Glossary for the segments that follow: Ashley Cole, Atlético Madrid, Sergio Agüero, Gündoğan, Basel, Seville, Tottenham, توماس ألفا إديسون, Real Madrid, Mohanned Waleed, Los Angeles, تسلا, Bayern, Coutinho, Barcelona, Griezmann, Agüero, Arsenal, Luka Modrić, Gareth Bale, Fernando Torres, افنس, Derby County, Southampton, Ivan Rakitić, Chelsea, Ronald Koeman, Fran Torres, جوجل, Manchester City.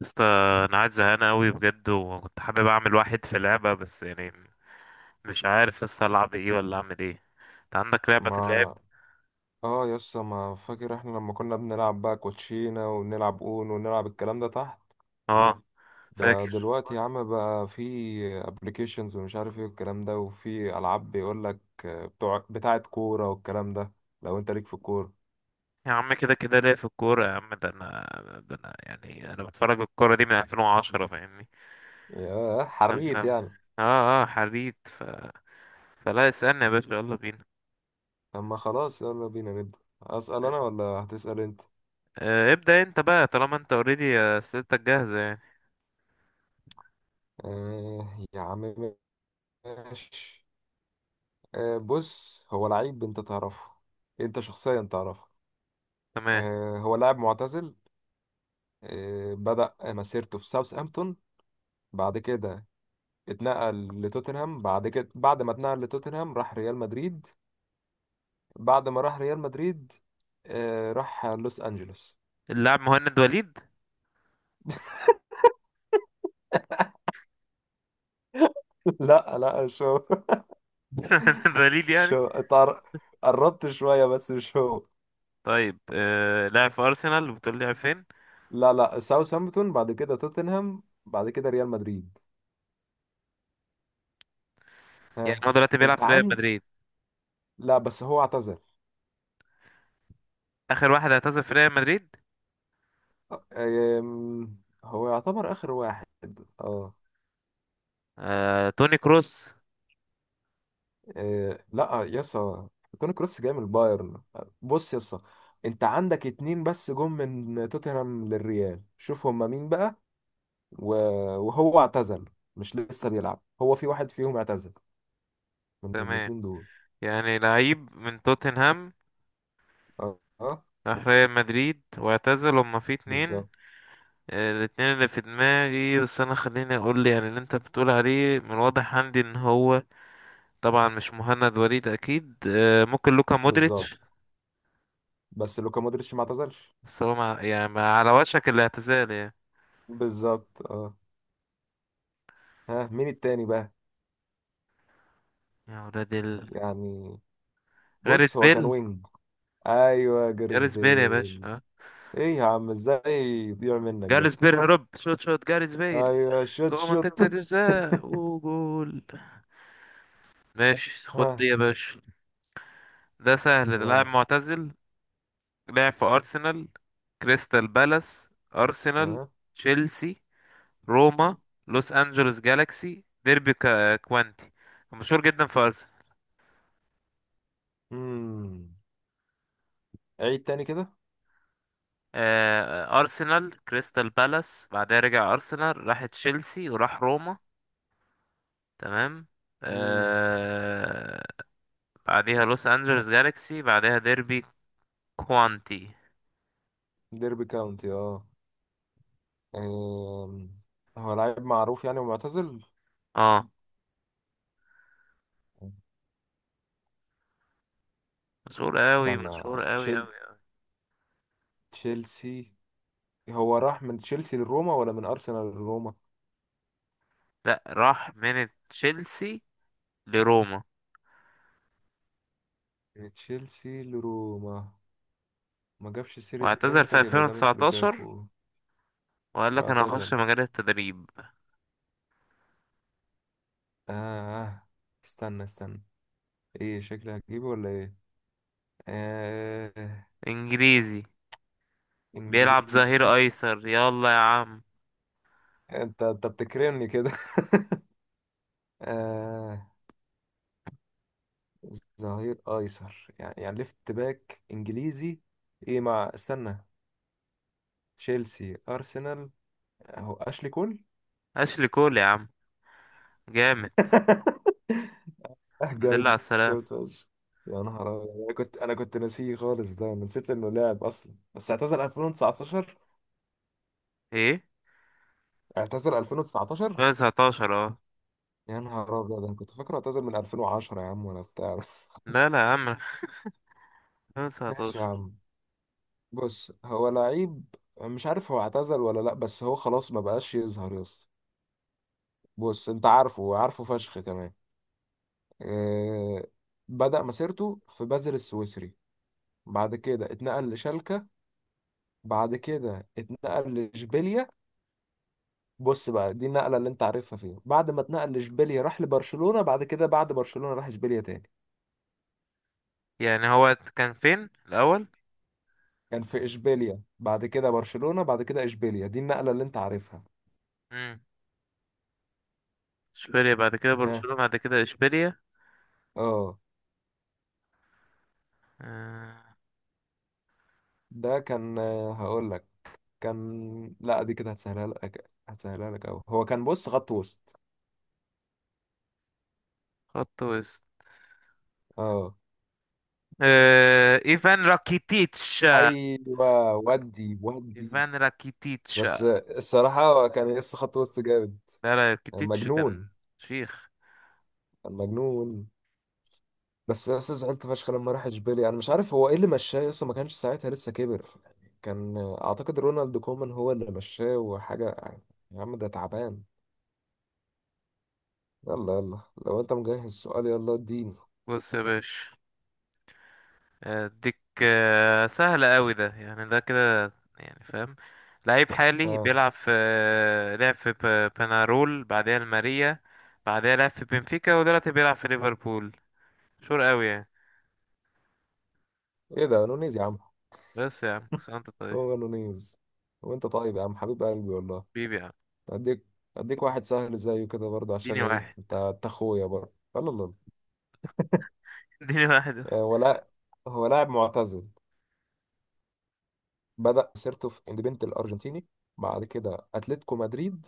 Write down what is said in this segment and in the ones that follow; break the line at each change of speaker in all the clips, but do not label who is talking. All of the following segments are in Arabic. بس انا قاعد زهقان قوي بجد، وكنت حابب اعمل واحد في لعبة بس يعني مش عارف لسه العب ايه ولا اعمل ايه. انت عندك لعبة تلعب؟
ما. اه يسا، ما فاكر احنا لما كنا بنلعب بقى كوتشينة، ونلعب اون، ونلعب الكلام ده تحت؟
اه،
ده
فاكر.
دلوقتي يا عم بقى في ابلكيشنز ومش عارف ايه والكلام ده، وفي العاب بيقول لك بتوع بتاعة كورة والكلام ده. لو انت ليك في الكورة.
يا عم كده كده ليه في الكورة يا عم، ده انا يعني انا بتفرج الكورة دي من 2010 فاهمني.
يا
فاهم
حريت
فاهم.
يعني.
اه، اه، حريت فلا اسألني يا باشا، يلا بينا.
اما خلاص يلا بينا نبدأ، اسأل انا ولا هتسأل انت؟
آه، ابدأ انت بقى طالما انت اوريدي اسئلتك جاهزة يعني.
يا عم، ماشي. بص، هو لعيب انت تعرفه، انت شخصيا تعرفه.
تمام.
هو لاعب معتزل. بدأ مسيرته في ساوثهامبتون، بعد كده اتنقل لتوتنهام، بعد كده بعد ما اتنقل لتوتنهام راح ريال مدريد. بعد ما راح ريال مدريد، راح لوس أنجلوس.
اللاعب مهند وليد.
لا لا، مش هو.
مهند وليد
مش
يعني.
هو. قربت شوية بس مش هو.
طيب، لاعب في ارسنال، وبتقول لي لعب فين؟
لا لا، ساوثهامبتون بعد كده توتنهام بعد كده ريال مدريد.
يعني
ها.
هو دلوقتي بيلعب
انت
في ريال
عن
مدريد؟
لا بس هو اعتزل.
اخر واحد اعتزل في ريال مدريد؟
آه، آم، هو يعتبر آخر واحد. اه.
توني كروس.
إيه لا يسا، توني كروس جاي من البايرن. بص يسا، انت عندك اتنين بس جم من توتنهام للريال، شوف هما مين بقى. و- وهو اعتزل، مش لسه بيلعب، هو في واحد فيهم اعتزل من
تمام.
الاتنين دول.
يعني لعيب من توتنهام
اه اه.
راح ريال مدريد واعتزل، هما في اتنين.
بالظبط.
الاتنين اللي في دماغي، بس انا خليني اقول لي يعني اللي انت بتقول عليه من الواضح عندي ان هو طبعا مش مهند وليد اكيد. ممكن لوكا
بالظبط
مودريتش.
بس لوكا مودريتش ما اعتزلش.
بس هو مع على وشك الاعتزال يعني.
بالظبط اه. ها مين التاني بقى؟
يا ولاد
يعني
غاريث
بص هو كان
بيل.
وينج. ايوه جاريث
غاريث بيل يا باشا،
بيل.
آه.
ايه يا عم، ازاي يضيع منك ده.
جاريث بيل هرب، شوت شوت جاريث بيل
ايوه شوت
جوه
شوت
منطقة الجزاء، وجول! ماشي،
ها.
خد دي يا باشا. ده سهل، ده
يلا.
لاعب معتزل. لعب في أرسنال، كريستال بالاس، أرسنال،
ها.
تشيلسي، روما، لوس أنجلوس جالاكسي، ديربي كوانتي. مشهور جدا في أرسنال.
امم عيد تاني كده.
أرسنال، كريستال بالاس، بعدها رجع أرسنال، راح تشيلسي، وراح روما. تمام.
امم
آه، بعديها لوس أنجلوس جالاكسي، بعدها ديربي كوانتي.
ديربي كاونتي اه. أم، هو لعيب معروف يعني ومعتزل.
اه، مشهور قوي،
استنى،
مشهور قوي
تشيل
قوي.
تشيلسي. هو راح من تشيلسي لروما ولا من ارسنال لروما؟
لا، راح من تشيلسي لروما،
من تشيلسي لروما. ما جابش سيرة
واعتزل في
انتر، يبقى ده مش
2019،
لوكاكو.
وقال لك انا هخش
واعتزل
مجال التدريب.
اه. استنى استنى، ايه شكلي هتجيبه ولا ايه؟ آه.
انجليزي. بيلعب ظهير
انجليزي.
ايسر، يلا يا عم.
انت انت بتكرمني كده آه. ظهير ايسر يعني، يعني ليفت باك انجليزي. ايه، مع استنى، تشيلسي ارسنال، اهو اشلي كول.
اشلي كول يا عم، جامد.
اه
الحمد لله على
جامد.
السلامة.
جامد فشخ. يا نهار أبيض. انا كنت، انا كنت ناسيه خالص، ده أنا نسيت انه لاعب اصلا، بس اعتزل 2019.
ايه؟
اعتزل 2019.
2019، اه.
يا نهار ابيض، انا كنت فاكره اعتزل من 2010 يا عم ولا بتاع.
لا لا يا عم،
ماشي يا
2019.
عم. بص هو لعيب، مش عارف هو اعتزل ولا لا، بس هو خلاص ما بقاش يظهر يس. بص انت عارفه، عارفه فشخ كمان. آه، بدأ مسيرته في بازل السويسري، بعد كده اتنقل لشالكة، بعد كده اتنقل لإشبيليا. بص بقى دي النقلة اللي انت عارفها فيها، بعد ما اتنقل لإشبيليا راح لبرشلونة، بعد كده بعد برشلونة راح إشبيليا تاني.
يعني هو كان فين الاول؟
كان في إشبيليا بعد كده برشلونة بعد كده إشبيليا، دي النقلة اللي انت عارفها.
امم. اشبيليا بعد كده
ها
برشلونة بعد كده اشبيليا.
اه.
آه،
ده كان، هقول لك. كان، لا دي كده هتسهلها لك، هتسهلها لك أوي. هو كان بص خط وسط.
خط وسط.
اه.
ايفان راكيتيتش.
ايوه ودي.
ايفان راكيتيتش؟
بس
لا.
الصراحة كان يقص خط وسط جامد.
لا،
كان
راكيتيتش كان
مجنون.
شيخ.
كان مجنون. بس يا اسطى زعلت فشخ لما راح اشبيليا، انا مش عارف هو ايه اللي مشاه يا اسطى، ما كانش ساعتها لسه كبر يعني، كان اعتقد رونالد كومان هو اللي مشاه وحاجة يعني. يا عم ده تعبان. يلا يلا لو انت مجهز السؤال يلا اديني.
بص يا باشا، اديك. سهلة قوي، ده يعني ده كده يعني فاهم. لعيب حالي
ها.
بيلعب في لعب في بنارول، بعدها الماريا، بعدها لعب في بنفيكا، ودلوقتي بيلعب في ليفربول. شور قوي يعني.
ايه ده نونيز يا عم؟
بس يا عم، بس انت طيب.
هو نونيز. وانت طيب يا عم حبيب قلبي والله.
بيبي يا عم.
اديك. اديك واحد سهل زيه كده برضه، عشان
اديني
ايه؟
واحد.
انت انت اخويا برضه، يلا يلا.
اديني واحد بس.
ولا، هو لاعب معتزل. بدأ مسيرته في اندبنت الأرجنتيني، بعد كده أتلتيكو مدريد،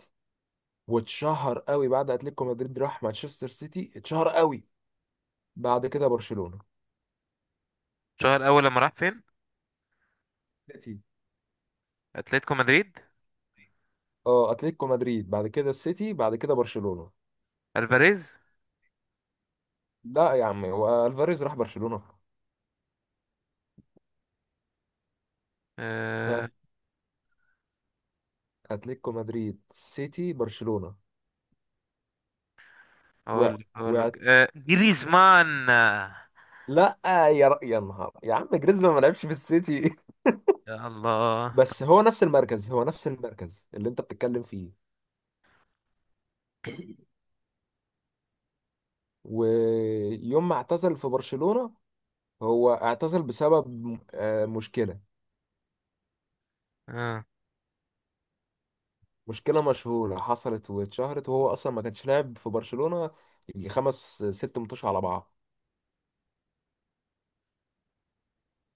واتشهر قوي، بعد أتلتيكو مدريد راح مانشستر سيتي، اتشهر قوي، بعد كده برشلونة.
شهر اول لما راح فين؟
سيتي
اتلتيكو مدريد؟
اه. أتلتيكو مدريد بعد كده السيتي بعد كده برشلونة.
الفاريز.
لا يا عم، هو ألفاريز راح برشلونة.
آه،
ها، أتلتيكو مدريد سيتي برشلونة.
اقول
و...
لك اقول
و...
لك جريزمان.
لا. يا نهار يا عم، جريزمان ما لعبش في السيتي
يا الله،
بس
طب.
هو نفس المركز، هو نفس المركز اللي انت بتتكلم فيه. ويوم ما اعتزل في برشلونة، هو اعتزل بسبب مشكلة.
آه.
مشكلة مشهورة حصلت واتشهرت، وهو أصلا ما كانش لاعب في برشلونة، يجي خمس ست ماتش على بعض.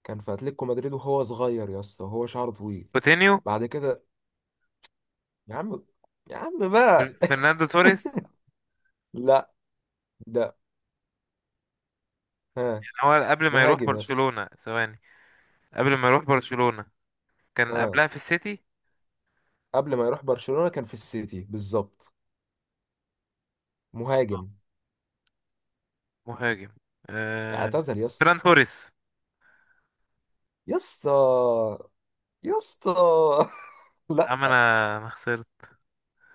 كان في أتلتيكو مدريد وهو صغير يا اسطى، وهو شعره طويل.
كوتينيو.
بعد كده. يا عم، يا عم بقى.
فرناندو توريس.
لا، ده. ها.
كان هو قبل ما يروح
مهاجم بس.
برشلونة، ثواني. قبل ما يروح برشلونة كان
اه،
قبلها في السيتي.
قبل ما يروح برشلونة كان في السيتي بالظبط. مهاجم.
مهاجم. آه.
اعتزل يا اسطى.
فران توريس.
يا اسطى. يا اسطى
يا
لا
عم انا ما خسرت.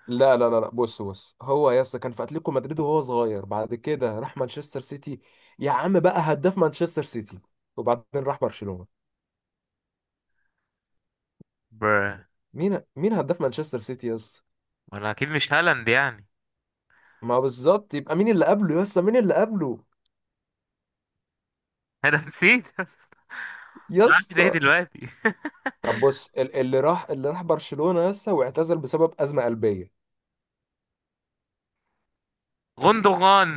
لا لا لا لا بص بص، هو يا اسطى كان في اتلتيكو مدريد وهو صغير، بعد كده راح مانشستر سيتي، يا عم بقى هداف مانشستر سيتي، وبعدين راح برشلونة.
بر
مين مين هداف مانشستر سيتي يا اسطى؟
وانا اكيد مش هالاند يعني.
ما بالظبط، يبقى مين اللي قبله يا اسطى، مين اللي قبله؟
انا نسيت.
يا
بعمل ايه
اسطى.
دلوقتي؟
طب بص، اللي راح، اللي راح برشلونة يا اسطى واعتزل بسبب أزمة قلبية.
غوندوغان.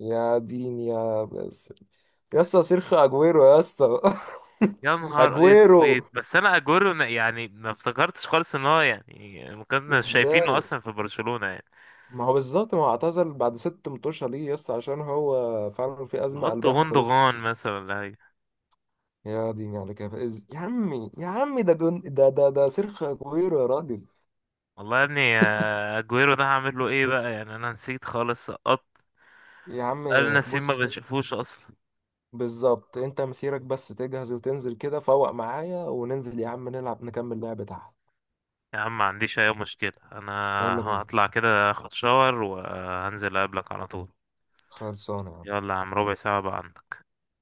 يا دين يا بس، يا اسطى سيرخو اجويرو يا اسطى
يا نهار
اجويرو
اسود، بس انا اجورو يعني ما افتكرتش خالص ان هو يعني ما كنا شايفينه
ازاي؟
اصلا في برشلونة يعني.
ما هو بالظبط، ما هو اعتزل بعد ست متوشة ليه يس، عشان هو فعلا في أزمة
نحط
قلبية حصلت
غوندوغان مثلا ولا حاجة؟
له. يا ديني على كيف، يا عمي يا عمي ده ده ده سيرخ كوير يا راجل.
والله يا ابني، اجويرو ده هعمل له ايه بقى يعني، انا نسيت خالص، سقطت.
يا
قال
عمي
نسيم ما
بص،
بنشوفوش اصلا.
بالظبط، انت مسيرك بس تجهز وتنزل كده فوق معايا وننزل يا عم نلعب، نكمل لعبة تحت.
يا عم، ما عنديش اي مشكلة انا.
يلا بينا.
هطلع كده اخد شاور، وهنزل اقابلك على طول.
خلصانة يا عم.
يلا يا عم، ربع ساعة بقى عندك.